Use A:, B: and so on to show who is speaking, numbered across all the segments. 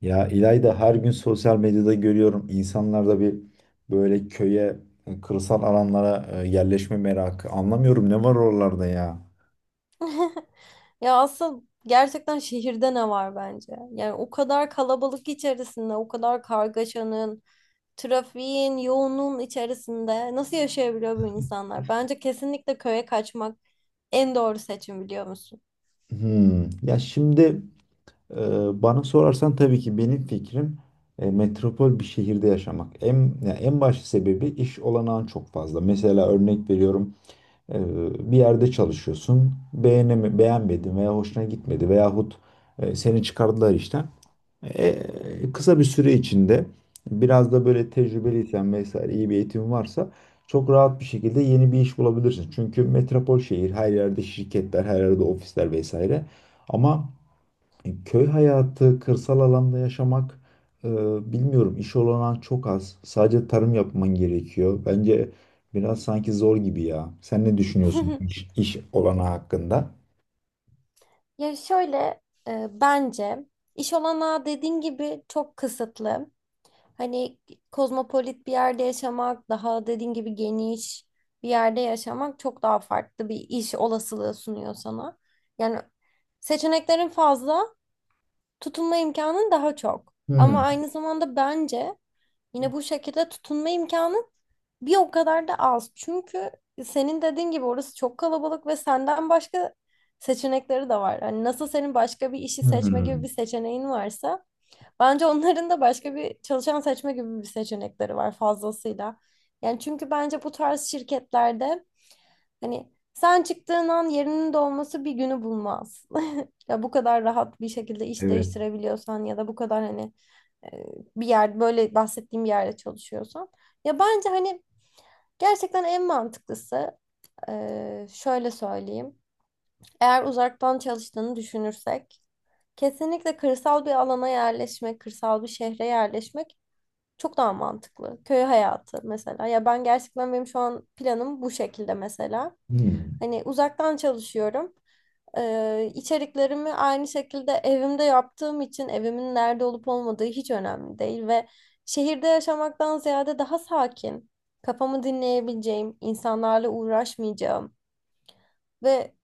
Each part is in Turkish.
A: Ya İlayda, her gün sosyal medyada görüyorum, insanlarda bir böyle köye, kırsal alanlara yerleşme merakı. Anlamıyorum, ne var oralarda ya.
B: Ya asıl gerçekten şehirde ne var bence? Yani o kadar kalabalık içerisinde, o kadar kargaşanın, trafiğin, yoğunluğun içerisinde nasıl yaşayabiliyor bu insanlar? Bence kesinlikle köye kaçmak en doğru seçim biliyor musun?
A: Hmm. Ya şimdi, e, bana sorarsan tabii ki benim fikrim metropol bir şehirde yaşamak. Ya en baş sebebi iş olanağın çok fazla. Mesela örnek veriyorum, e, bir yerde çalışıyorsun, beğenmedin veya hoşuna gitmedi veyahut seni çıkardılar işten. Kısa bir süre içinde biraz da böyle tecrübeliysen vesaire, iyi bir eğitim varsa çok rahat bir şekilde yeni bir iş bulabilirsin. Çünkü metropol şehir, her yerde şirketler, her yerde ofisler vesaire. Ama köy hayatı, kırsal alanda yaşamak, e, bilmiyorum, iş olanağı çok az. Sadece tarım yapman gerekiyor. Bence biraz sanki zor gibi ya. Sen ne düşünüyorsun iş, iş olanağı hakkında?
B: Ya şöyle, bence iş olanağı dediğin gibi çok kısıtlı. Hani kozmopolit bir yerde yaşamak, daha dediğin gibi geniş bir yerde yaşamak çok daha farklı bir iş olasılığı sunuyor sana. Yani seçeneklerin fazla, tutunma imkanın daha çok. Ama
A: Hmm.
B: aynı zamanda bence yine bu şekilde tutunma imkanın bir o kadar da az. Çünkü senin dediğin gibi orası çok kalabalık ve senden başka seçenekleri de var. Hani nasıl senin başka bir işi seçme gibi
A: Hmm.
B: bir seçeneğin varsa, bence onların da başka bir çalışan seçme gibi bir seçenekleri var fazlasıyla. Yani çünkü bence bu tarz şirketlerde hani sen çıktığın an yerinin dolması bir günü bulmaz. Ya bu kadar rahat bir şekilde iş
A: Evet.
B: değiştirebiliyorsan ya da bu kadar hani, e, bir yer böyle bahsettiğim bir yerde çalışıyorsan. Ya bence hani gerçekten en mantıklısı, şöyle söyleyeyim. Eğer uzaktan çalıştığını düşünürsek kesinlikle kırsal bir alana yerleşmek, kırsal bir şehre yerleşmek çok daha mantıklı. Köy hayatı mesela. Ya ben gerçekten benim şu an planım bu şekilde mesela.
A: Hmm.
B: Hani uzaktan çalışıyorum. İçeriklerimi aynı şekilde evimde yaptığım için evimin nerede olup olmadığı hiç önemli değil ve şehirde yaşamaktan ziyade daha sakin, kafamı dinleyebileceğim, insanlarla uğraşmayacağım ve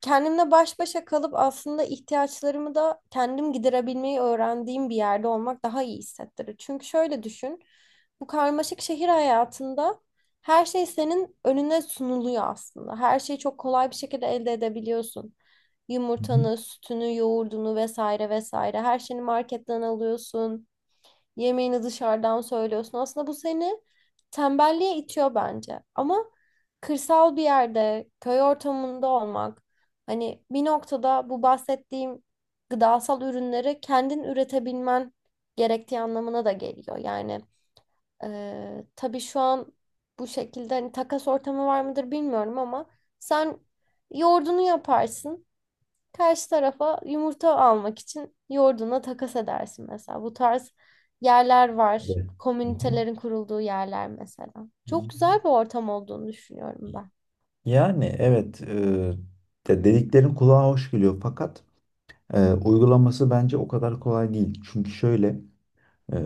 B: kendimle baş başa kalıp aslında ihtiyaçlarımı da kendim giderebilmeyi öğrendiğim bir yerde olmak daha iyi hissettirir. Çünkü şöyle düşün, bu karmaşık şehir hayatında her şey senin önüne sunuluyor aslında. Her şeyi çok kolay bir şekilde elde edebiliyorsun.
A: Hı hı.
B: Yumurtanı, sütünü, yoğurdunu vesaire vesaire her şeyini marketten alıyorsun. Yemeğini dışarıdan söylüyorsun. Aslında bu seni tembelliğe itiyor bence. Ama kırsal bir yerde, köy ortamında olmak, hani bir noktada bu bahsettiğim gıdasal ürünleri kendin üretebilmen gerektiği anlamına da geliyor. Yani tabii şu an bu şekilde hani takas ortamı var mıdır bilmiyorum ama sen yoğurdunu yaparsın. Karşı tarafa yumurta almak için yoğurduna takas edersin mesela. Bu tarz yerler var.
A: Evet. Hı
B: Komünitelerin kurulduğu yerler mesela. Çok
A: hı.
B: güzel bir ortam olduğunu düşünüyorum ben.
A: Yani evet, dediklerin kulağa hoş geliyor, fakat uygulaması bence o kadar kolay değil. Çünkü şöyle, e,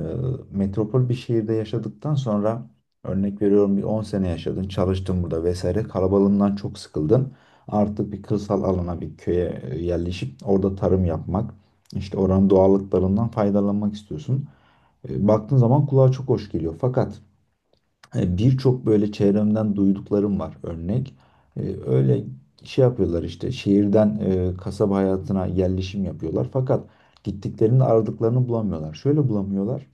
A: metropol bir şehirde yaşadıktan sonra, örnek veriyorum, bir 10 sene yaşadın, çalıştın burada vesaire, kalabalığından çok sıkıldın. Artık bir kırsal alana, bir köye yerleşip orada tarım yapmak, işte oranın doğallıklarından faydalanmak istiyorsun. Baktığın zaman kulağa çok hoş geliyor, fakat hani birçok böyle çevremden duyduklarım var, örnek. Öyle şey yapıyorlar, işte şehirden kasaba hayatına yerleşim yapıyorlar. Fakat gittiklerinde aradıklarını bulamıyorlar. Şöyle bulamıyorlar.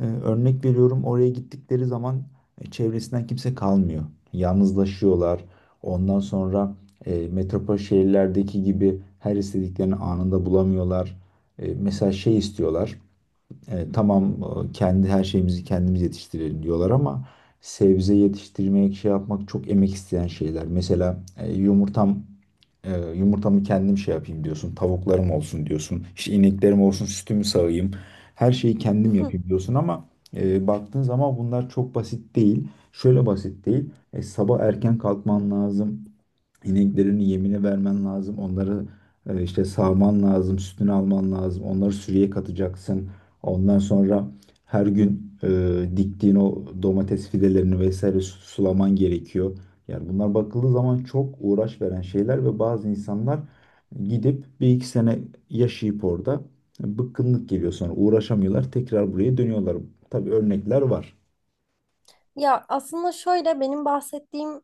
A: Örnek veriyorum, oraya gittikleri zaman çevresinden kimse kalmıyor. Yalnızlaşıyorlar. Ondan sonra metropol şehirlerdeki gibi her istediklerini anında bulamıyorlar. Mesela şey istiyorlar. Tamam, kendi her şeyimizi kendimiz yetiştirelim diyorlar ama sebze yetiştirmek, şey yapmak çok emek isteyen şeyler. Mesela e, yumurtamı kendim şey yapayım diyorsun. Tavuklarım olsun diyorsun. İşte ineklerim olsun, sütümü sağayım. Her şeyi kendim yapayım diyorsun ama baktığın zaman bunlar çok basit değil. Şöyle basit değil. Sabah erken kalkman lazım. İneklerini yemine vermen lazım. Onları işte sağman lazım, sütünü alman lazım. Onları sürüye katacaksın. Ondan sonra her gün diktiğin o domates fidelerini vesaire sulaman gerekiyor. Yani bunlar bakıldığı zaman çok uğraş veren şeyler ve bazı insanlar gidip bir iki sene yaşayıp orada bıkkınlık geliyor, sonra uğraşamıyorlar, tekrar buraya dönüyorlar. Tabii örnekler var.
B: Ya aslında şöyle benim bahsettiğim,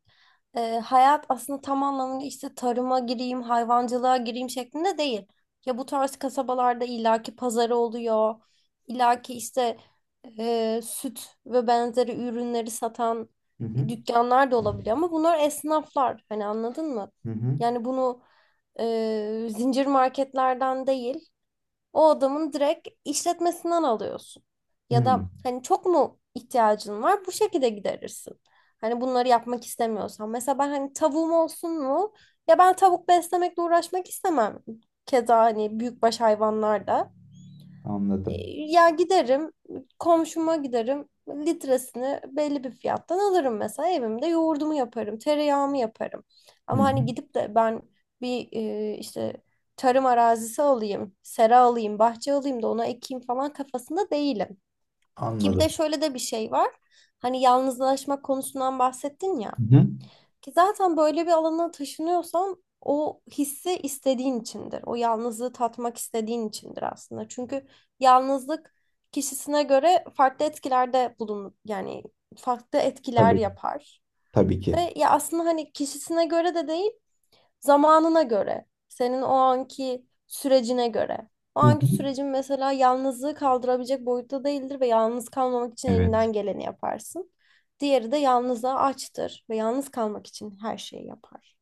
B: hayat aslında tam anlamıyla işte tarıma gireyim, hayvancılığa gireyim şeklinde değil. Ya bu tarz kasabalarda illaki pazarı oluyor, illaki işte, süt ve benzeri ürünleri satan
A: Hı hı.
B: dükkanlar da olabiliyor ama bunlar esnaflar hani anladın mı?
A: Hı hı.
B: Yani bunu zincir marketlerden değil o adamın direkt işletmesinden alıyorsun. Ya
A: Hı.
B: da hani çok mu ihtiyacın var? Bu şekilde giderirsin. Hani bunları yapmak istemiyorsan. Mesela ben hani tavuğum olsun mu? Ya ben tavuk beslemekle uğraşmak istemem. Keza hani büyükbaş hayvanlar da.
A: Anladım.
B: Ya giderim, komşuma giderim, litresini belli bir fiyattan alırım mesela evimde yoğurdumu yaparım, tereyağımı yaparım.
A: Hı
B: Ama hani
A: hı.
B: gidip de ben bir işte tarım arazisi alayım, sera alayım, bahçe alayım da ona ekeyim falan kafasında değilim. Ki bir
A: Anladım.
B: de şöyle de bir şey var. Hani yalnızlaşma konusundan bahsettin ya.
A: Hı hı.
B: Ki zaten böyle bir alana taşınıyorsan o hissi istediğin içindir. O yalnızlığı tatmak istediğin içindir aslında. Çünkü yalnızlık kişisine göre farklı etkilerde bulun yani farklı etkiler
A: Tabii,
B: yapar.
A: tabii ki.
B: Ve ya aslında hani kişisine göre de değil, zamanına göre, senin o anki sürecine göre. O
A: Hı hı.
B: anki sürecin mesela yalnızlığı kaldırabilecek boyutta değildir ve yalnız kalmamak için
A: Evet.
B: elinden geleni yaparsın. Diğeri de yalnızlığa açtır ve yalnız kalmak için her şeyi yapar.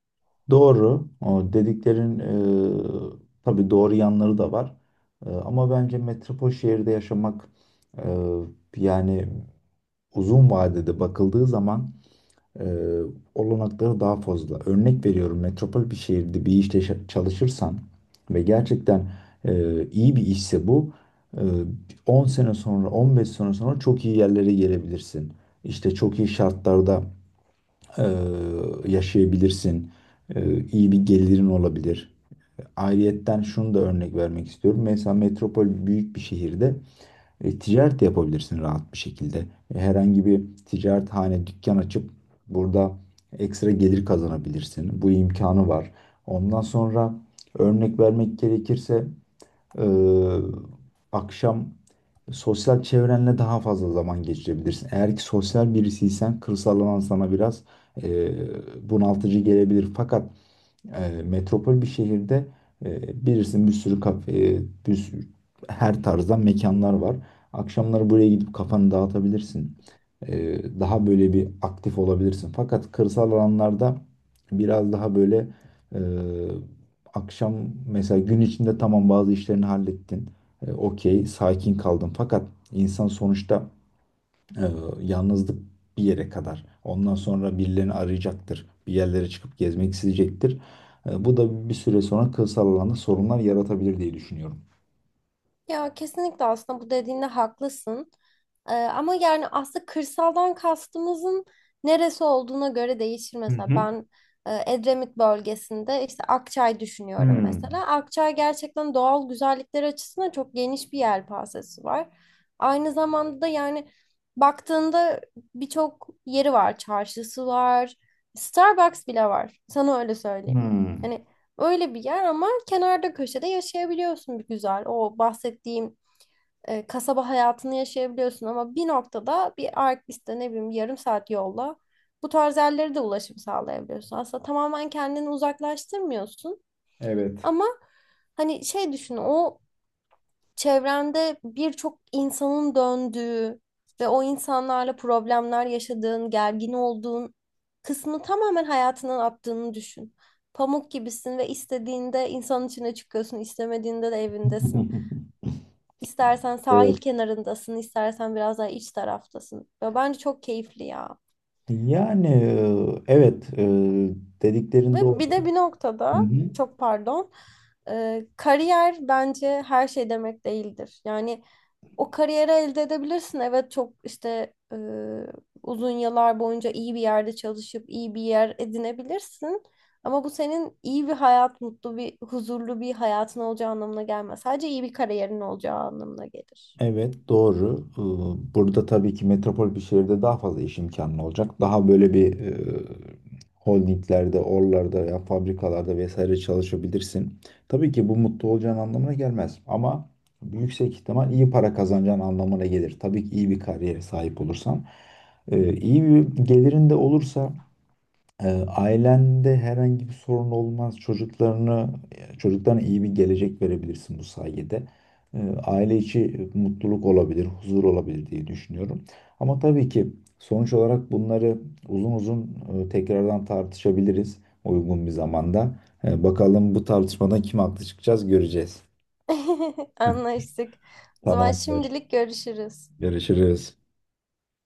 A: Doğru. O dediklerin, tabii doğru yanları da var. Ama bence metropol şehirde yaşamak, e, yani uzun vadede bakıldığı zaman e, olanakları daha fazla. Örnek veriyorum, metropol bir şehirde bir işte çalışırsan ve gerçekten iyi bir işse bu, e, 10 sene sonra, 15 sene sonra çok iyi yerlere gelebilirsin. İşte çok iyi şartlarda e, yaşayabilirsin. İyi bir gelirin olabilir. Ayrıyetten şunu da örnek vermek istiyorum. Mesela metropol büyük bir şehirde ticaret de yapabilirsin rahat bir şekilde. Herhangi bir ticarethane, dükkan açıp burada ekstra gelir kazanabilirsin. Bu imkanı var. Ondan sonra örnek vermek gerekirse ee, akşam sosyal çevrenle daha fazla zaman geçirebilirsin. Eğer ki sosyal birisiysen kırsaldan sana biraz bunaltıcı gelebilir. Fakat yani metropol bir şehirde e, bilirsin, bir sürü kafe, bir sürü, her tarzdan mekanlar var. Akşamları buraya gidip kafanı dağıtabilirsin. E, Daha böyle bir aktif olabilirsin. Fakat kırsal alanlarda biraz daha böyle, e, akşam, mesela gün içinde tamam bazı işlerini hallettin. Okey, sakin kaldın. Fakat insan sonuçta, ee, yalnızlık bir yere kadar. Ondan sonra birilerini arayacaktır. Bir yerlere çıkıp gezmek isteyecektir. Bu da bir süre sonra kırsal alanda sorunlar yaratabilir diye düşünüyorum.
B: Ya kesinlikle aslında bu dediğinde haklısın. Ama yani aslında kırsaldan kastımızın neresi olduğuna göre değişir.
A: Hı
B: Mesela
A: hı.
B: ben Edremit bölgesinde işte Akçay düşünüyorum
A: Hmm.
B: mesela. Akçay gerçekten doğal güzellikler açısından çok geniş bir yelpazesi var. Aynı zamanda da yani baktığında birçok yeri var. Çarşısı var. Starbucks bile var. Sana öyle söyleyeyim.
A: Hmm.
B: Hani öyle bir yer ama kenarda köşede yaşayabiliyorsun bir güzel. O bahsettiğim kasaba hayatını yaşayabiliyorsun ama bir noktada bir Artvis'te ne bileyim yarım saat yolla bu tarz yerlere de ulaşım sağlayabiliyorsun. Aslında tamamen kendini uzaklaştırmıyorsun
A: Evet.
B: ama hani şey düşün, o çevrende birçok insanın döndüğü ve o insanlarla problemler yaşadığın, gergin olduğun kısmı tamamen hayatından attığını düşün. Pamuk gibisin ve istediğinde insanın içine çıkıyorsun, istemediğinde de evindesin. İstersen sahil
A: Evet.
B: kenarındasın, istersen biraz daha iç taraftasın. Ve bence çok keyifli ya.
A: Yani evet, dediklerin
B: Ve bir de
A: doğru.
B: bir
A: Hı
B: noktada,
A: hı.
B: çok pardon, kariyer bence her şey demek değildir. Yani o kariyeri elde edebilirsin. Evet çok işte uzun yıllar boyunca iyi bir yerde çalışıp iyi bir yer edinebilirsin. Ama bu senin iyi bir hayat, mutlu bir, huzurlu bir hayatın olacağı anlamına gelmez. Sadece iyi bir kariyerin olacağı anlamına gelir.
A: Evet, doğru. Burada tabii ki metropol bir şehirde daha fazla iş imkanı olacak. Daha böyle bir, holdinglerde, oralarda ya fabrikalarda vesaire çalışabilirsin. Tabii ki bu mutlu olacağın anlamına gelmez ama yüksek ihtimal iyi para kazanacağın anlamına gelir. Tabii ki iyi bir kariyere sahip olursan. İyi bir gelirin de olursa ailende herhangi bir sorun olmaz. Çocuklarına iyi bir gelecek verebilirsin bu sayede. Aile içi mutluluk olabilir, huzur olabilir diye düşünüyorum. Ama tabii ki sonuç olarak bunları uzun uzun tekrardan tartışabiliriz uygun bir zamanda. Bakalım bu tartışmadan kim haklı çıkacağız, göreceğiz.
B: Anlaştık. O zaman
A: Tamamdır.
B: şimdilik görüşürüz.
A: Görüşürüz.